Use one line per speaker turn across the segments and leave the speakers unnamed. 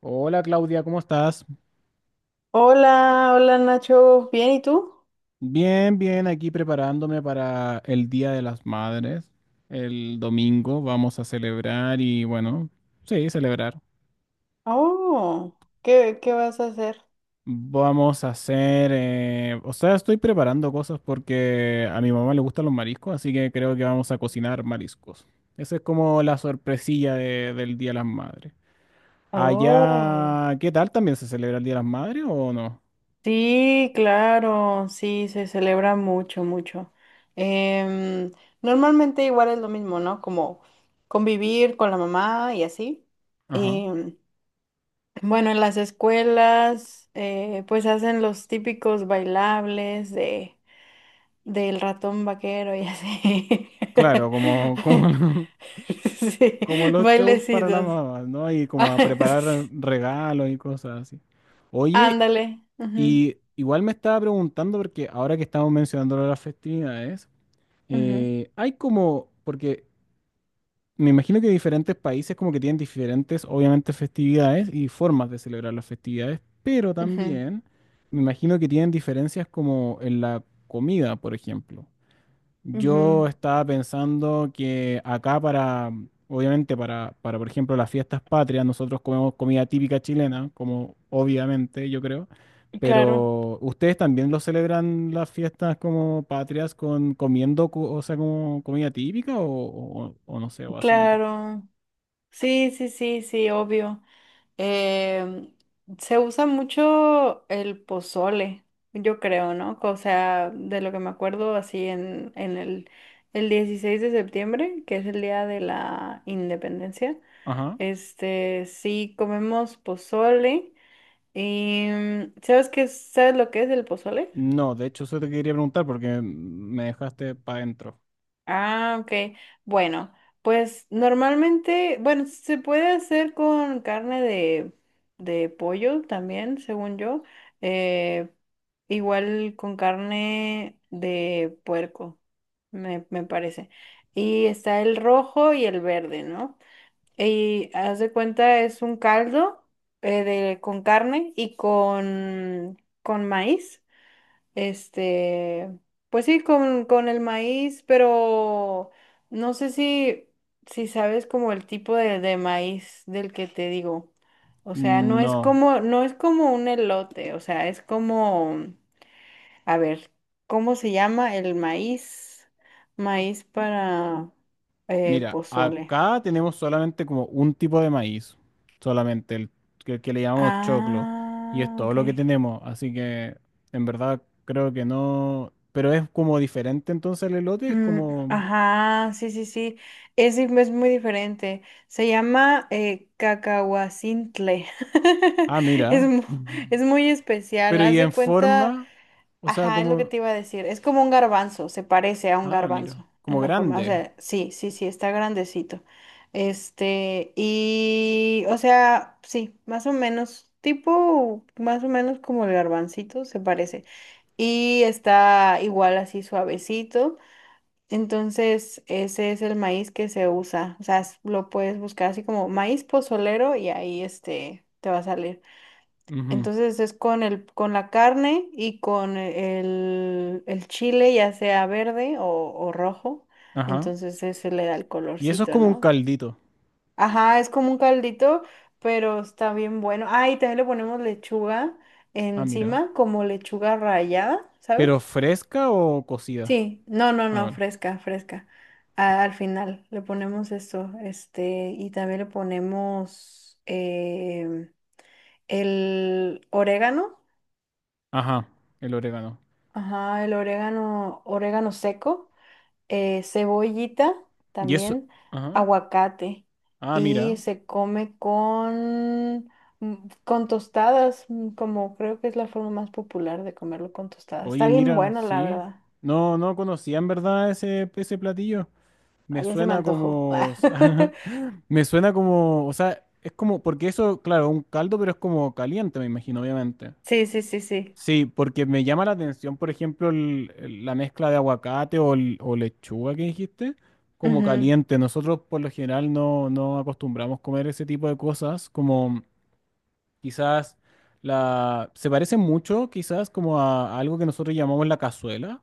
Hola Claudia, ¿cómo estás?
Hola, hola Nacho, ¿bien y tú?
Bien, aquí preparándome para el Día de las Madres. El domingo vamos a celebrar y bueno, sí, celebrar.
Oh, ¿qué vas a hacer?
Vamos a hacer, o sea, estoy preparando cosas porque a mi mamá le gustan los mariscos, así que creo que vamos a cocinar mariscos. Esa es como la sorpresilla del Día de las Madres.
Oh,
Allá, ¿qué tal? ¿También se celebra el Día de las Madres o no?
sí, claro, sí, se celebra mucho, mucho. Em, Normalmente igual es lo mismo, ¿no? Como convivir con la mamá y así.
Ajá.
Em, bueno, en las escuelas, pues hacen los típicos bailables de ...del ratón vaquero y así.
Claro,
Sí,
como los shows para las
bailecitos.
mamás, ¿no? Y como
Ah,
a preparar regalos y cosas así. Oye,
Ándale. Ujú,
y igual me estaba preguntando, porque ahora que estamos mencionando lo de las festividades,
ujú,
hay como, porque me imagino que diferentes países como que tienen diferentes, obviamente, festividades y formas de celebrar las festividades, pero
ujú,
también me imagino que tienen diferencias como en la comida, por ejemplo.
ujú.
Yo estaba pensando que acá para, obviamente por ejemplo, las fiestas patrias, nosotros comemos comida típica chilena, como obviamente yo creo,
Claro,
pero ustedes también lo celebran las fiestas como patrias con comiendo, o sea, como comida típica o, o no sé, o hacen otro.
claro. Sí, sí, sí, sí, obvio. Em, Se usa mucho el pozole, yo creo, ¿no? O sea, de lo que me acuerdo así en el 16 de septiembre, que es el día de la independencia.
Ajá.
Este, sí, comemos pozole. Y, mm, ¿sabes qué? ¿Sabes lo que es el pozole?
No, de hecho eso te quería preguntar porque me dejaste para adentro.
Ah, ok. Bueno, pues normalmente, bueno, se puede hacer con carne de pollo también, según yo. eh, igual con carne de puerco, me parece. Y está el rojo y el verde, ¿no? Y haz de cuenta, es un caldo con carne con maíz. Este, pues sí, con el maíz, pero no sé si sabes como el tipo de maíz del que te digo. O sea,
No.
no es como un elote, o sea, es como, a ver, ¿cómo se llama el maíz? Maíz para
Mira,
pozole.
acá tenemos solamente como un tipo de maíz, solamente el que le llamamos choclo, y es
Ah,
todo
ok.
lo que tenemos, así que en verdad creo que no, pero es como diferente entonces el elote, es
Mm,
como,
ajá, sí, sí, sí. Es, es muy diferente. Se llama cacahuacintle.
ah,
Es,
mira,
es muy especial.
pero y
Haz de
en
cuenta,
forma, o sea,
ajá, es lo que
como,
te iba a decir. Es como un garbanzo, se parece a un
ah, mira,
garbanzo
como
en la forma. O
grande,
sea, sí, sí, sí, está grandecito. Este, y, o sea, sí, más o menos, tipo, más o menos como el garbancito, se parece. Y está igual así suavecito. Entonces, ese es el maíz que se usa. O sea, lo puedes buscar así como maíz pozolero y ahí este te va a salir.
ujú,
Entonces es con el, con la carne y con el chile, ya sea verde o rojo.
ajá,
Entonces ese le da el
y eso es
colorcito,
como un
¿no?
caldito,
Ajá, es como un caldito, pero está bien bueno. Ah, y también le ponemos lechuga
ah, mira,
encima, como lechuga rallada,
pero
¿sabes?
fresca o cocida,
Sí, no, no,
ah,
no,
bueno,
fresca, fresca. Al final le ponemos eso, este, y también le ponemos el orégano,
ajá, el orégano,
ajá, el orégano, orégano seco, cebollita
y eso,
también,
ajá,
aguacate,
ah,
y
mira.
se come con, mm, con tostadas, mm, como creo que es la forma más popular de comerlo con tostadas. Está
Oye,
bien
mira,
bueno, la
sí.
verdad.
No, no conocía en verdad ese, ese platillo.
Ah,
Me
ya se me
suena
antojó.
como. Me suena como. O sea, es como. Porque eso, claro, un caldo, pero es como caliente, me imagino, obviamente.
Sí, sí, sí, sí.
Sí, porque me llama la atención, por ejemplo, la mezcla de aguacate o, o lechuga que dijiste, como
Ujú.
caliente. Nosotros, por lo general, no acostumbramos comer ese tipo de cosas, como quizás. La, se parece mucho quizás como a algo que nosotros llamamos la cazuela,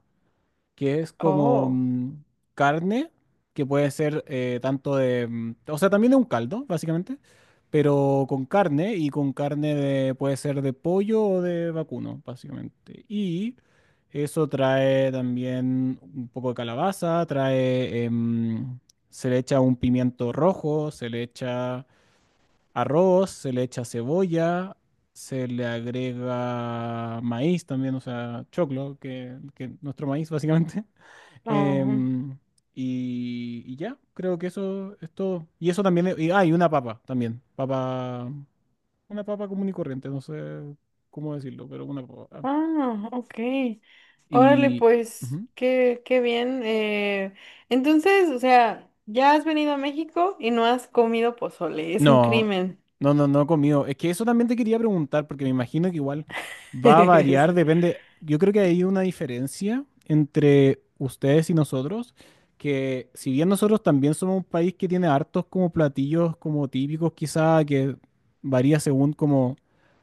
que es como
Oh,
carne, que puede ser tanto de, o sea, también de un caldo, básicamente, pero con carne y con carne de, puede ser de pollo o de vacuno, básicamente. Y eso trae también un poco de calabaza, trae, se le echa un pimiento rojo, se le echa arroz, se le echa cebolla. Se le agrega maíz también, o sea, choclo, que nuestro maíz básicamente.
ajá.
Em, y ya, creo que eso es todo. Y eso también, y, ah, y una papa también. Papa, una papa común y corriente, no sé cómo decirlo, pero una papa.
Ah, ok. Órale,
Y,
pues,
ujú.
qué bien. Entonces, o sea, ya has venido a México y no has comido pozole, es un
No,
crimen.
no, no he comido. Es que eso también te quería preguntar, porque me imagino que igual va a variar, depende. Yo creo que hay una diferencia entre ustedes y nosotros, que si bien nosotros también somos un país que tiene hartos como platillos como típicos, quizá que varía según como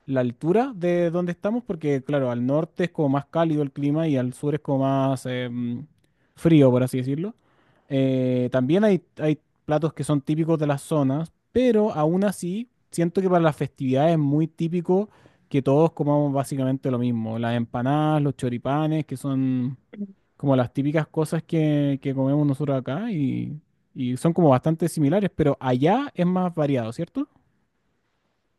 la altura de donde estamos, porque claro, al norte es como más cálido el clima y al sur es como más frío, por así decirlo. También hay platos que son típicos de las zonas, pero aún así siento que para las festividades es muy típico que todos comamos básicamente lo mismo. Las empanadas, los choripanes, que son como las típicas cosas que comemos nosotros acá y son como bastante similares, pero allá es más variado, ¿cierto?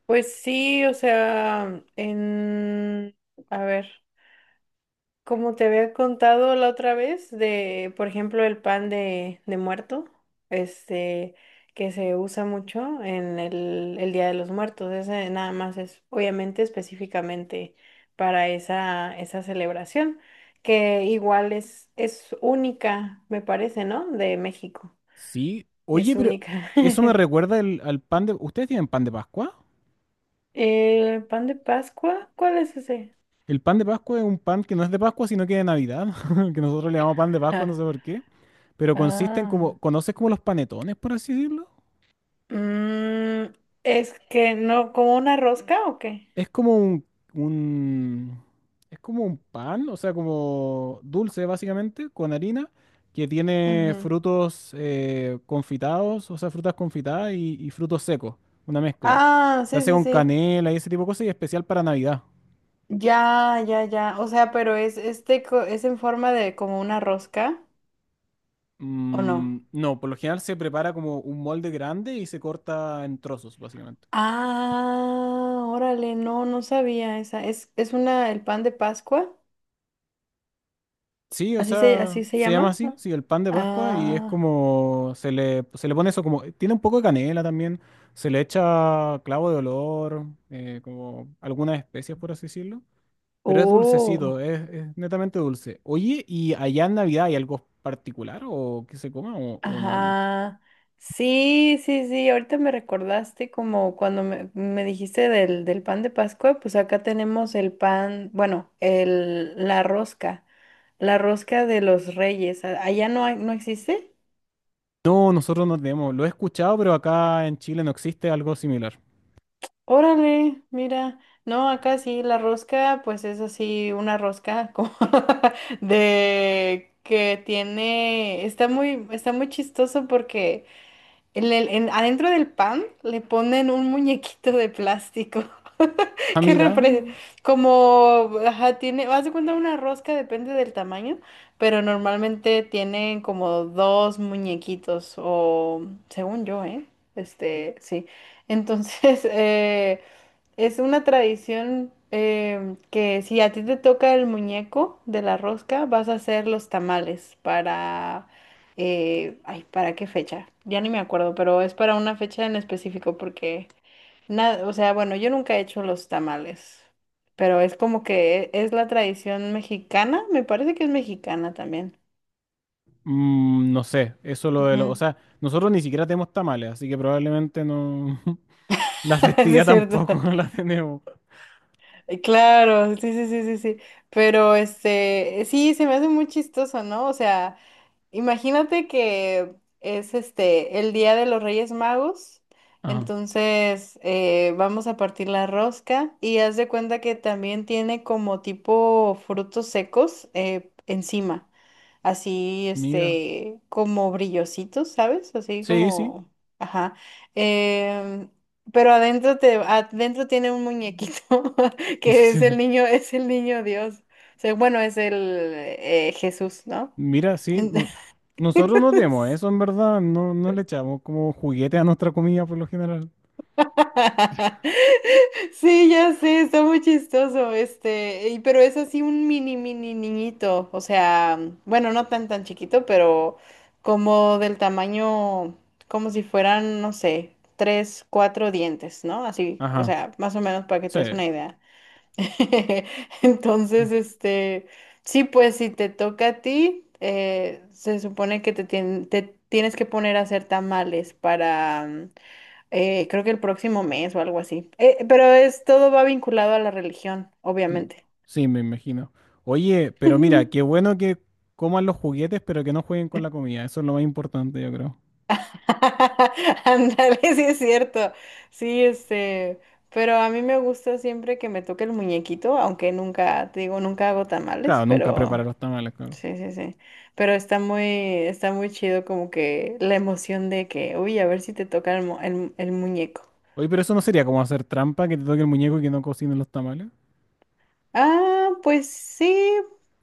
Pues sí, o sea, en... A ver. Como te había contado la otra vez de, por ejemplo, el pan de muerto, este, que se usa mucho en el Día de los Muertos. Ese nada más es, obviamente, específicamente para esa, esa celebración, que igual es única, me parece, ¿no? De México.
Sí.
Es
Oye, pero
única.
eso me recuerda al pan de... ¿Ustedes tienen pan de Pascua?
¿El pan de Pascua? ¿Cuál es ese?
El pan de Pascua es un pan que no es de Pascua, sino que de Navidad, que nosotros le llamamos pan de Pascua, no sé
Ah.
por qué. Pero consiste en
Ah.
como, ¿conoces como los panetones, por así decirlo?
Mm, es que no, ¿como una rosca o qué?
Es como un, un- es como un pan, o sea, como dulce básicamente, con harina, que tiene
Ujú.
frutos confitados, o sea, frutas confitadas y frutos secos, una mezcla.
Ah,
Se
sí,
hace
sí,
con
sí.
canela y ese tipo de cosas y especial para Navidad.
Ya, ya, ya. O sea, pero es este es en forma de como una rosca, ¿o
Mm,
no?
no, por lo general se prepara como un molde grande y se corta en trozos, básicamente.
Ah, órale, no, no sabía esa. Es una, el pan de Pascua.
Sí, o sea,
Así se
se llama
llama.
así, sí, el pan de Pascua y es
Ah,
como, se le pone eso como, tiene un poco de canela también, se le echa clavo de olor, como algunas especias por así decirlo, pero es dulcecito,
oh.
es netamente dulce. Oye, ¿y allá en Navidad hay algo particular o que se coma o no mucho?
Ajá. Sí, sí, sí. Ahorita me recordaste como cuando me dijiste del, del pan de Pascua, pues acá tenemos el pan, bueno, el, la rosca de los reyes. Allá no no existe.
No, nosotros no tenemos, lo he escuchado, pero acá en Chile no existe algo similar.
Órale, mira. No, acá sí, la rosca, pues es así, una rosca como de que tiene, está muy chistoso porque en adentro del pan le ponen un muñequito de plástico
Ah,
que
mira,
como, ajá, tiene, haz de cuenta una rosca, depende del tamaño, pero normalmente tienen como dos muñequitos o, según yo, ¿eh? Este, sí. Entonces, es una tradición que si a ti te toca el muñeco de la rosca, vas a hacer los tamales para... ay, ¿para qué fecha? Ya ni me acuerdo, pero es para una fecha en específico porque... Nada, o sea, bueno, yo nunca he hecho los tamales, pero es como que es la tradición mexicana, me parece que es mexicana también.
mm, no sé, eso o
Ujú.
sea, nosotros ni siquiera tenemos tamales, así que probablemente no... La
Sí, es
festividad
cierto.
tampoco la tenemos.
Claro, sí, sí, sí, sí, sí. Pero este, sí, se me hace muy chistoso, ¿no? O sea... Imagínate que es este el Día de los Reyes Magos,
Ah,
entonces vamos a partir la rosca y haz de cuenta que también tiene como tipo frutos secos encima, así
mira.
este como brillositos, ¿sabes? Así
Sí, sí.
como, ajá. em, pero adentro te, adentro tiene un muñequito que
Sí.
es el niño Dios, o sea, bueno, es el Jesús, ¿no?
Mira, sí. no- Nosotros nos demos eso, en verdad. No, no le echamos como juguete a nuestra comida por lo general.
Sí, ya sé, está muy chistoso, este, pero es así un mini, mini niñito, o sea, bueno, no tan, tan chiquito, pero como del tamaño, como si fueran, no sé, tres, cuatro dientes, ¿no? Así, o
Ajá.
sea, más o menos para que te
Sí.
des una idea. Entonces, este, sí, pues si te toca a ti, se supone que te tienes que poner a hacer tamales para creo que el próximo mes o algo así. Pero es todo va vinculado a la religión,
Mm,
obviamente.
sí, me imagino. Oye, pero mira, qué bueno que coman los juguetes, pero que no jueguen con la comida. Eso es lo más importante, yo creo.
Ándale, sí es cierto. Sí, este, pero a mí me gusta siempre que me toque el muñequito, aunque nunca, te digo, nunca hago tamales,
Claro, nunca
pero
preparar los tamales, claro.
sí, sí, sí. Pero está muy chido como que la emoción de que, uy, a ver si te toca el, el muñeco.
Oye, pero eso no sería como hacer trampa, que te toque el muñeco y que no cocine los tamales.
Ah, pues sí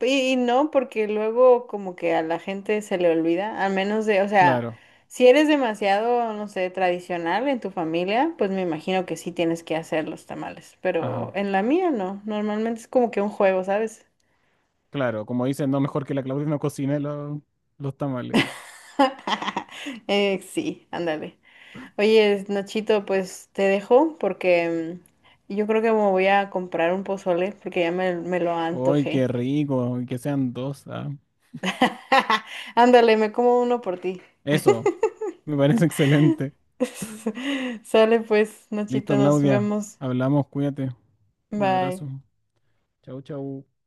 y no, porque luego como que a la gente se le olvida, al menos de, o sea,
Claro.
si eres demasiado, no sé, tradicional en tu familia, pues me imagino que sí tienes que hacer los tamales, pero
Ajá.
en la mía no, normalmente es como que un juego, ¿sabes?
Claro, como dicen, no, mejor que la Claudia no cocine los tamales.
Sí, ándale. Oye, Nachito, pues te dejo porque mm, yo creo que me voy a comprar un pozole porque ya me lo
¡Ay,
antojé.
qué rico! Y que sean dos. Ah.
Ándale, me como uno por ti.
Eso, me parece excelente.
Sale pues,
Listo,
Nachita, nos
Claudia.
vemos.
Hablamos, cuídate. Un
Bye.
abrazo. Chau, chau.